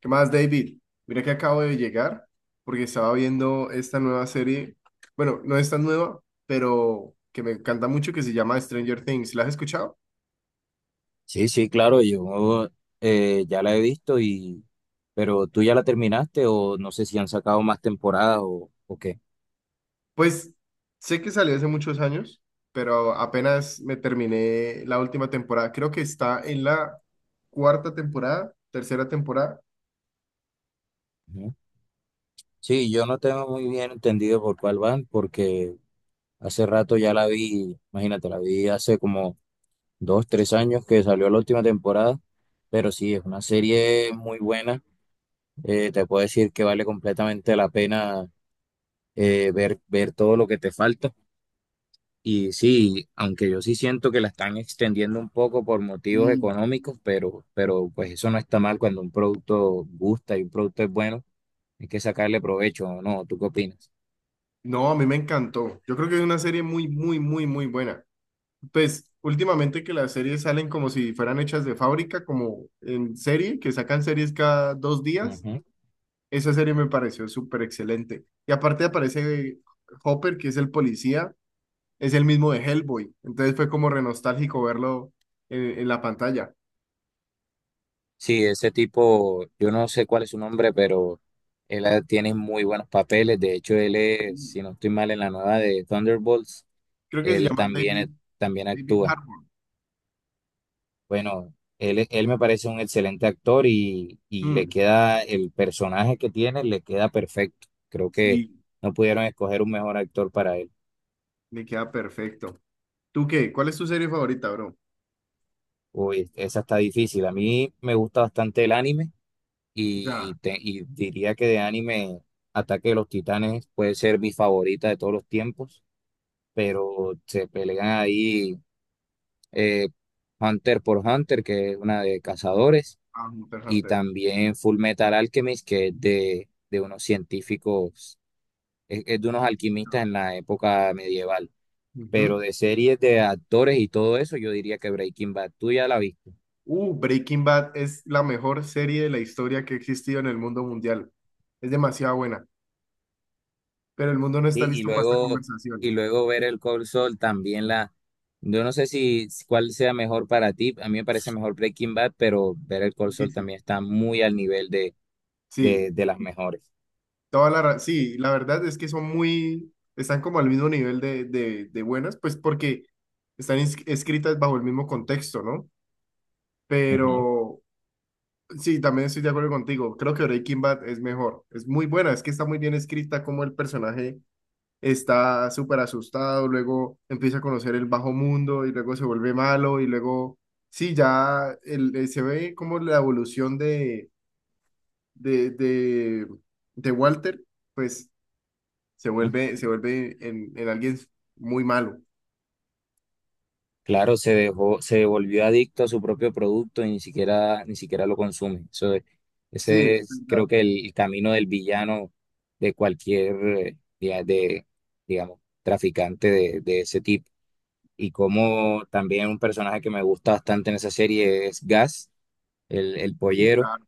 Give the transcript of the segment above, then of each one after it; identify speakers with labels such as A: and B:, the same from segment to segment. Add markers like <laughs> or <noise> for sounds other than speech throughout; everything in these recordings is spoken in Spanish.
A: ¿Qué más, David? Mira que acabo de llegar porque estaba viendo esta nueva serie. Bueno, no es tan nueva, pero que me encanta mucho que se llama Stranger Things. ¿La has escuchado?
B: Sí, sí, claro, yo ya la he visto pero tú ya la terminaste o no sé si han sacado más temporadas o qué.
A: Pues sé que salió hace muchos años, pero apenas me terminé la última temporada. Creo que está en la cuarta temporada, tercera temporada.
B: Ujú. Sí, yo no tengo muy bien entendido por cuál van porque hace rato ya la vi, imagínate, la vi hace como dos, tres años que salió la última temporada, pero sí, es una serie muy buena. Te puedo decir que vale completamente la pena ver todo lo que te falta. Y sí, aunque yo sí siento que la están extendiendo un poco por motivos
A: Mm.
B: económicos, pero pues eso no está mal cuando un producto gusta y un producto es bueno, hay que sacarle provecho, ¿o no? ¿Tú qué opinas?
A: No, a mí me encantó. Yo creo que es una serie muy, muy, muy, muy buena. Pues últimamente que las series salen como si fueran hechas de fábrica, como en serie, que sacan series cada dos días.
B: Ujú.
A: Esa serie me pareció súper excelente. Y aparte aparece Hopper, que es el policía, es el mismo de Hellboy. Entonces fue como re nostálgico verlo en la pantalla.
B: Sí, ese tipo, yo no sé cuál es su nombre, pero tiene muy buenos papeles. De hecho, él es,
A: Mm.
B: si no estoy mal, en la nueva de Thunderbolts,
A: Creo que se
B: él
A: llama David,
B: también, también
A: David
B: actúa.
A: Harbour.
B: Bueno, él me parece un excelente actor y le
A: Mm,
B: queda el personaje que tiene, le queda perfecto. Creo que
A: Sí,
B: no pudieron escoger un mejor actor para él.
A: le queda perfecto. ¿Tú qué? ¿Cuál es tu serie favorita, bro?
B: Uy, esa está difícil. A mí me gusta bastante el anime
A: Ya.
B: y diría que de anime Ataque de los Titanes puede ser mi favorita de todos los tiempos, pero se pelean ahí eh, Hunter por Hunter, que es una de cazadores.
A: Ah,
B: Y
A: interesante.
B: también Full Metal Alchemist, que es de unos científicos, es de unos alquimistas en la época medieval. Pero
A: Ujú.
B: de series de actores y todo eso, yo diría que Breaking Bad, tú ya la viste.
A: Breaking Bad es la mejor serie de la historia que ha existido en el mundo mundial. Es demasiado buena, pero el mundo no está
B: Sí,
A: listo para esta
B: y
A: conversación.
B: luego ver el Cold Soul también la. Yo no sé si cuál sea mejor para ti, a mí me parece mejor Breaking Bad, pero ver el Cold Soul
A: Difícil.
B: también está muy al nivel
A: Sí,
B: de las mejores.
A: toda la, sí, la verdad es que son muy, están como al mismo nivel de buenas, pues porque están escritas bajo el mismo contexto, ¿no?
B: Ujú.
A: Pero sí, también estoy de acuerdo contigo. Creo que Breaking Bad es mejor. Es muy buena, es que está muy bien escrita como el personaje está súper asustado, luego empieza a conocer el bajo mundo y luego se vuelve malo y luego, sí, ya se ve como la evolución de, de, de Walter, pues se vuelve en alguien muy malo.
B: Claro, se dejó, se volvió adicto a su propio producto y ni siquiera, ni siquiera lo consume.
A: Sí,
B: Ese
A: es
B: es,
A: verdad.
B: creo que el camino del villano de cualquier, digamos, traficante de ese tipo. Y como también un personaje que me gusta bastante en esa serie es Gas, el
A: Sí,
B: pollero.
A: claro.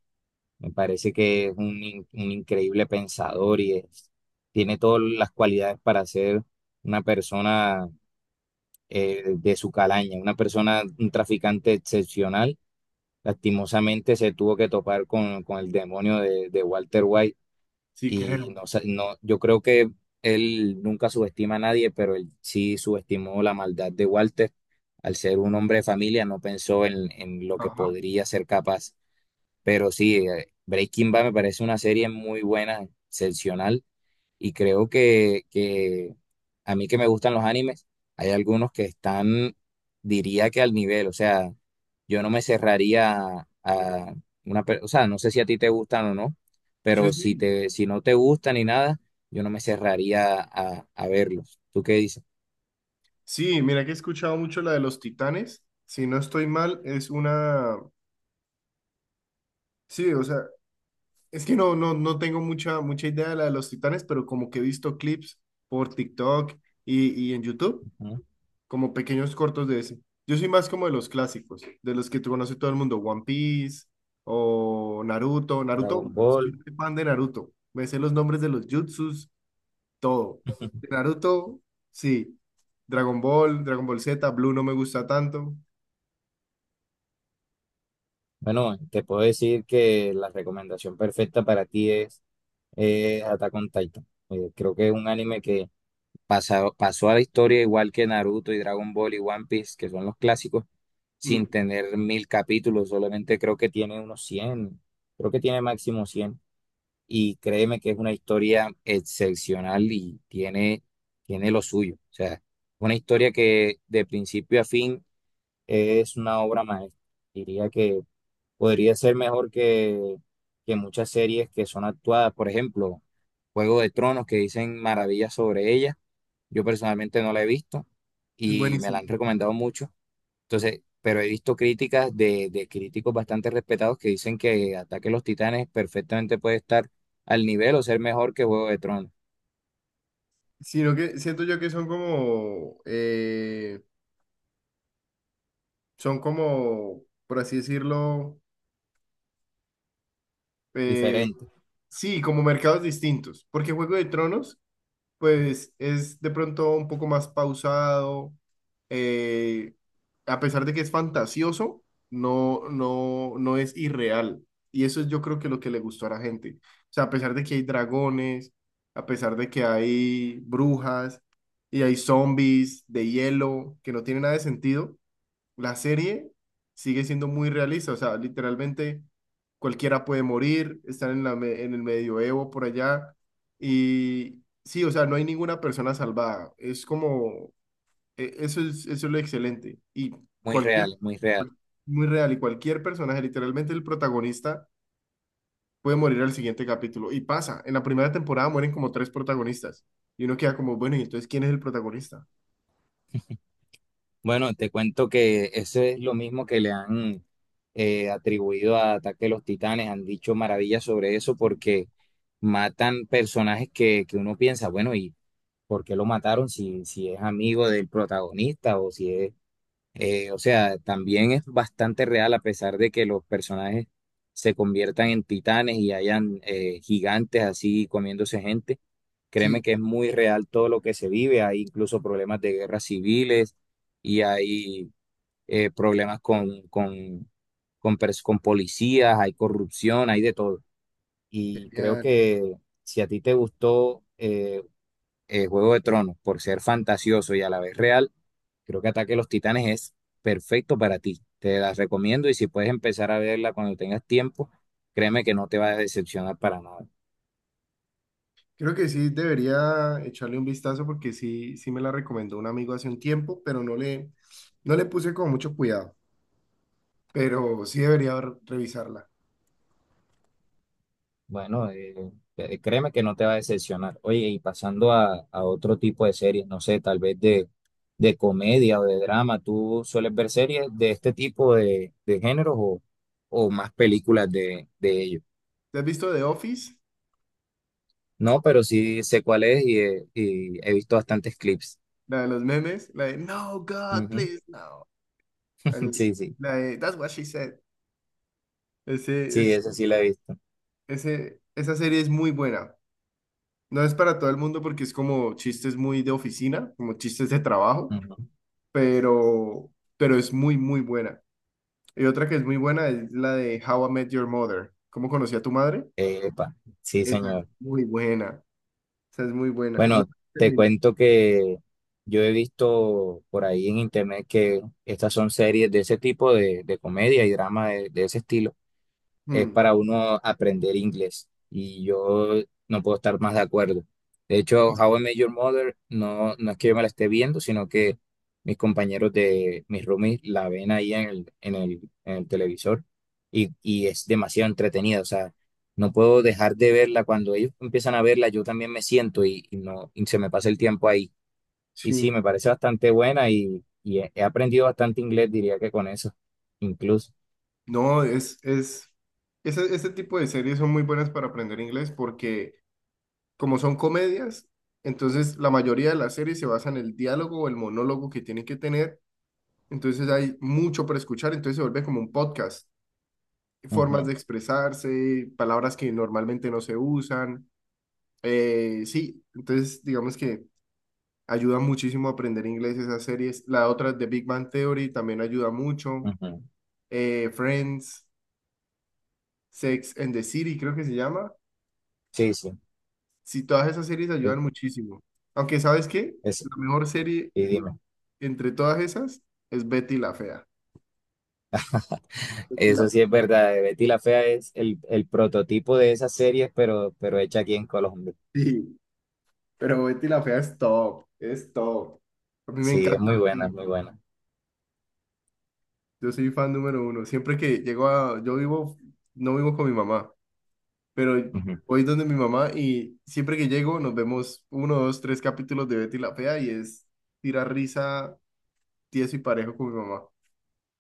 B: Me parece que es un increíble pensador tiene todas las cualidades para ser una persona de su calaña. Una persona, un traficante excepcional, lastimosamente se tuvo que topar con el demonio de Walter White
A: Sí,
B: y
A: creo.
B: no, sa- no, yo creo que él nunca subestima a nadie, pero él sí subestimó la maldad de Walter. Al ser un hombre de familia, no pensó en lo que
A: Ajá.
B: podría ser capaz. Pero sí, Breaking Bad me parece una serie muy buena, excepcional y creo que a mí que me gustan los animes, hay algunos que están, diría que al nivel, o sea, yo no me cerraría a o sea, no sé si a ti te gustan o no,
A: Sí,
B: pero
A: sí.
B: si no te gustan ni nada, yo no me cerraría a verlos. ¿Tú qué dices?
A: Sí, mira que he escuchado mucho la de los titanes. Si no estoy mal, es una... Sí, o sea, es que no tengo mucha, mucha idea de la de los titanes, pero como que he visto clips por TikTok y en YouTube,
B: Ujú.
A: como pequeños cortos de ese. Yo soy más como de los clásicos, de los que tú conoce todo el mundo, One Piece o Naruto.
B: Dragon
A: Naruto, soy
B: Ball.
A: muy fan de Naruto. Me sé los nombres de los jutsus, todo. De Naruto, sí. Dragon Ball, Dragon Ball Z, Blue no me gusta tanto.
B: Bueno, te puedo decir que la recomendación perfecta para ti es Attack on Titan. Creo que es un anime que pasó a la historia igual que Naruto y Dragon Ball y One Piece, que son los clásicos, sin
A: Mm,
B: tener mil capítulos, solamente creo que tiene unos cien, creo que tiene máximo cien. Y créeme que es una historia excepcional y tiene, tiene lo suyo. O sea, una historia que de principio a fin es una obra maestra. Diría que podría ser mejor que muchas series que son actuadas, por ejemplo, Juego de Tronos, que dicen maravillas sobre ella, yo personalmente no la he visto y me la
A: buenísimo.
B: han recomendado mucho. Entonces, pero he visto críticas de críticos bastante respetados que dicen que Ataque a los Titanes perfectamente puede estar al nivel o ser mejor que Juego de Tronos.
A: Sino que siento yo que son como... son como, por así decirlo, eh,
B: Diferente,
A: sí, como mercados distintos, porque Juego de Tronos, pues es de pronto un poco más pausado, eh, a pesar de que es fantasioso, no es irreal. Y eso es yo creo que lo que le gustó a la gente. O sea, a pesar de que hay dragones, a pesar de que hay brujas y hay zombies de hielo, que no tiene nada de sentido, la serie sigue siendo muy realista, o sea, literalmente cualquiera puede morir, están en en el medioevo por allá y sí, o sea, no hay ninguna persona salvada, es como, eso es lo excelente y
B: muy
A: cualquier,
B: real, muy real.
A: muy real, y cualquier personaje, literalmente el protagonista puede morir al siguiente capítulo y pasa, en la primera temporada mueren como tres protagonistas y uno queda como, bueno, ¿y entonces quién es el protagonista?
B: Bueno, te cuento que eso es lo mismo que le han atribuido a Ataque a los Titanes. Han dicho maravillas sobre eso
A: Sí,
B: porque matan personajes que uno piensa, bueno, ¿y por qué lo mataron si es amigo del protagonista o si es... O sea, también es bastante real a pesar de que los personajes se conviertan en titanes y hayan gigantes así comiéndose gente. Créeme
A: sí,
B: que es muy real todo lo que se vive. Hay incluso problemas de guerras civiles y hay problemas con policías, hay corrupción, hay de todo. Y creo
A: genial.
B: que si a ti te gustó Juego de Tronos, por ser fantasioso y a la vez real, creo que Ataque de los Titanes es perfecto para ti. Te la recomiendo y si puedes empezar a verla cuando tengas tiempo, créeme que no te va a decepcionar para nada.
A: Creo que sí debería echarle un vistazo porque sí, sí me la recomendó un amigo hace un tiempo, pero no le, no le puse con mucho cuidado, pero sí debería revisarla.
B: Bueno, créeme que no te va a decepcionar. Oye, y pasando a otro tipo de series, no sé, tal vez de comedia o de drama, ¿tú sueles ver series de este tipo de géneros o más películas de ellos?
A: ¿Te has visto The Office?
B: No, pero sí sé cuál es y he visto bastantes clips.
A: La de los memes, la de No, God,
B: Ujú.
A: please, no.
B: <laughs>
A: El-
B: Sí, sí,
A: la de That's what she said. Ese,
B: sí,
A: es,
B: esa sí la he visto.
A: ese, esa serie es muy buena. No es para todo el mundo porque es como chistes muy de oficina, como chistes de trabajo,
B: Ujú.
A: pero, pero es muy, muy buena. Y otra que es muy buena es la de How I Met Your Mother. ¿Cómo conocí a tu madre?
B: Epa, sí,
A: Esa es
B: señor.
A: muy buena. Esa es muy buena. No
B: Bueno, te
A: termina.
B: cuento que yo he visto por ahí en internet que estas son series de ese tipo de comedia y drama de ese estilo. Es
A: Hmm,
B: para uno aprender inglés y yo no puedo estar más de acuerdo. De hecho, How I Met Your Mother no, no es que yo me la esté viendo, sino que mis compañeros de mis roomies la ven ahí en en el televisor y es demasiado entretenida. O sea, no puedo dejar de verla. Cuando ellos empiezan a verla, yo también me siento y no, y se me pasa el tiempo ahí. Y
A: Sí.
B: sí, me parece bastante buena y he aprendido bastante inglés, diría que con eso, incluso.
A: No, es, ese tipo de series son muy buenas para aprender inglés porque como son comedias, entonces la mayoría de las series se basa en el diálogo o el monólogo que tienen que tener. Entonces hay mucho para escuchar, entonces se vuelve como un podcast. Formas
B: Ujú,
A: de expresarse, palabras que normalmente no se usan. Sí, entonces digamos que ayuda muchísimo a aprender inglés esas series. La otra de Big Bang Theory también ayuda mucho.
B: ujú.
A: Friends, Sex and the City, creo que se llama.
B: Sí, sí.
A: Sí, todas esas series ayudan muchísimo. Aunque, ¿sabes qué?
B: Es,
A: La mejor serie
B: y dime.
A: entre todas esas es Betty la Fea. Betty la...
B: Eso sí es verdad. Betty la Fea es el prototipo de esas series, pero hecha aquí en Colombia.
A: Sí, pero Betty la Fea es top, es top. A mí me
B: Sí, es
A: encanta
B: muy
A: Betty
B: buena,
A: la
B: es muy
A: Fea.
B: buena.
A: Yo soy fan número uno. Siempre que llego a... Yo vivo, no vivo con mi mamá, pero
B: Ujú.
A: voy donde mi mamá y siempre que llego nos vemos uno, dos, tres capítulos de Betty la Fea y es tirar risa tieso y parejo con mi mamá.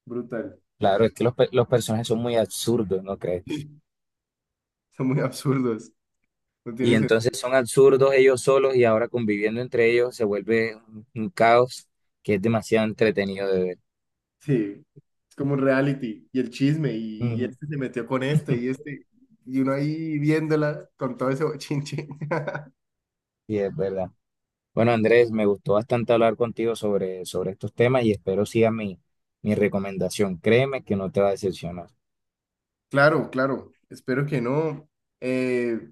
A: Brutal. <laughs>
B: Claro, es que los personajes son muy absurdos, ¿no crees?
A: Son muy absurdos. No
B: Y
A: tiene sentido.
B: entonces son absurdos ellos solos y ahora conviviendo entre ellos se vuelve un caos que es demasiado entretenido de ver.
A: Sí. Es como un reality y el chisme y
B: Ujú.
A: este se metió con este y este. Y uno ahí viéndola con todo ese bochinche. <laughs>
B: Sí, es verdad. Bueno, Andrés, me gustó bastante hablar contigo sobre estos temas y espero sigas mi recomendación. Créeme que no te va a decepcionar.
A: Claro, claro. Espero que no. Eh,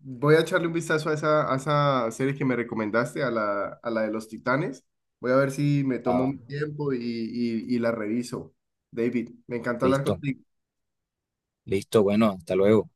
A: Voy a echarle un vistazo a esa serie que me recomendaste, a la de los Titanes. Voy a ver si me tomo
B: Ah,
A: un tiempo y la reviso. David, me encantó hablar
B: listo.
A: contigo.
B: Listo, bueno, hasta luego.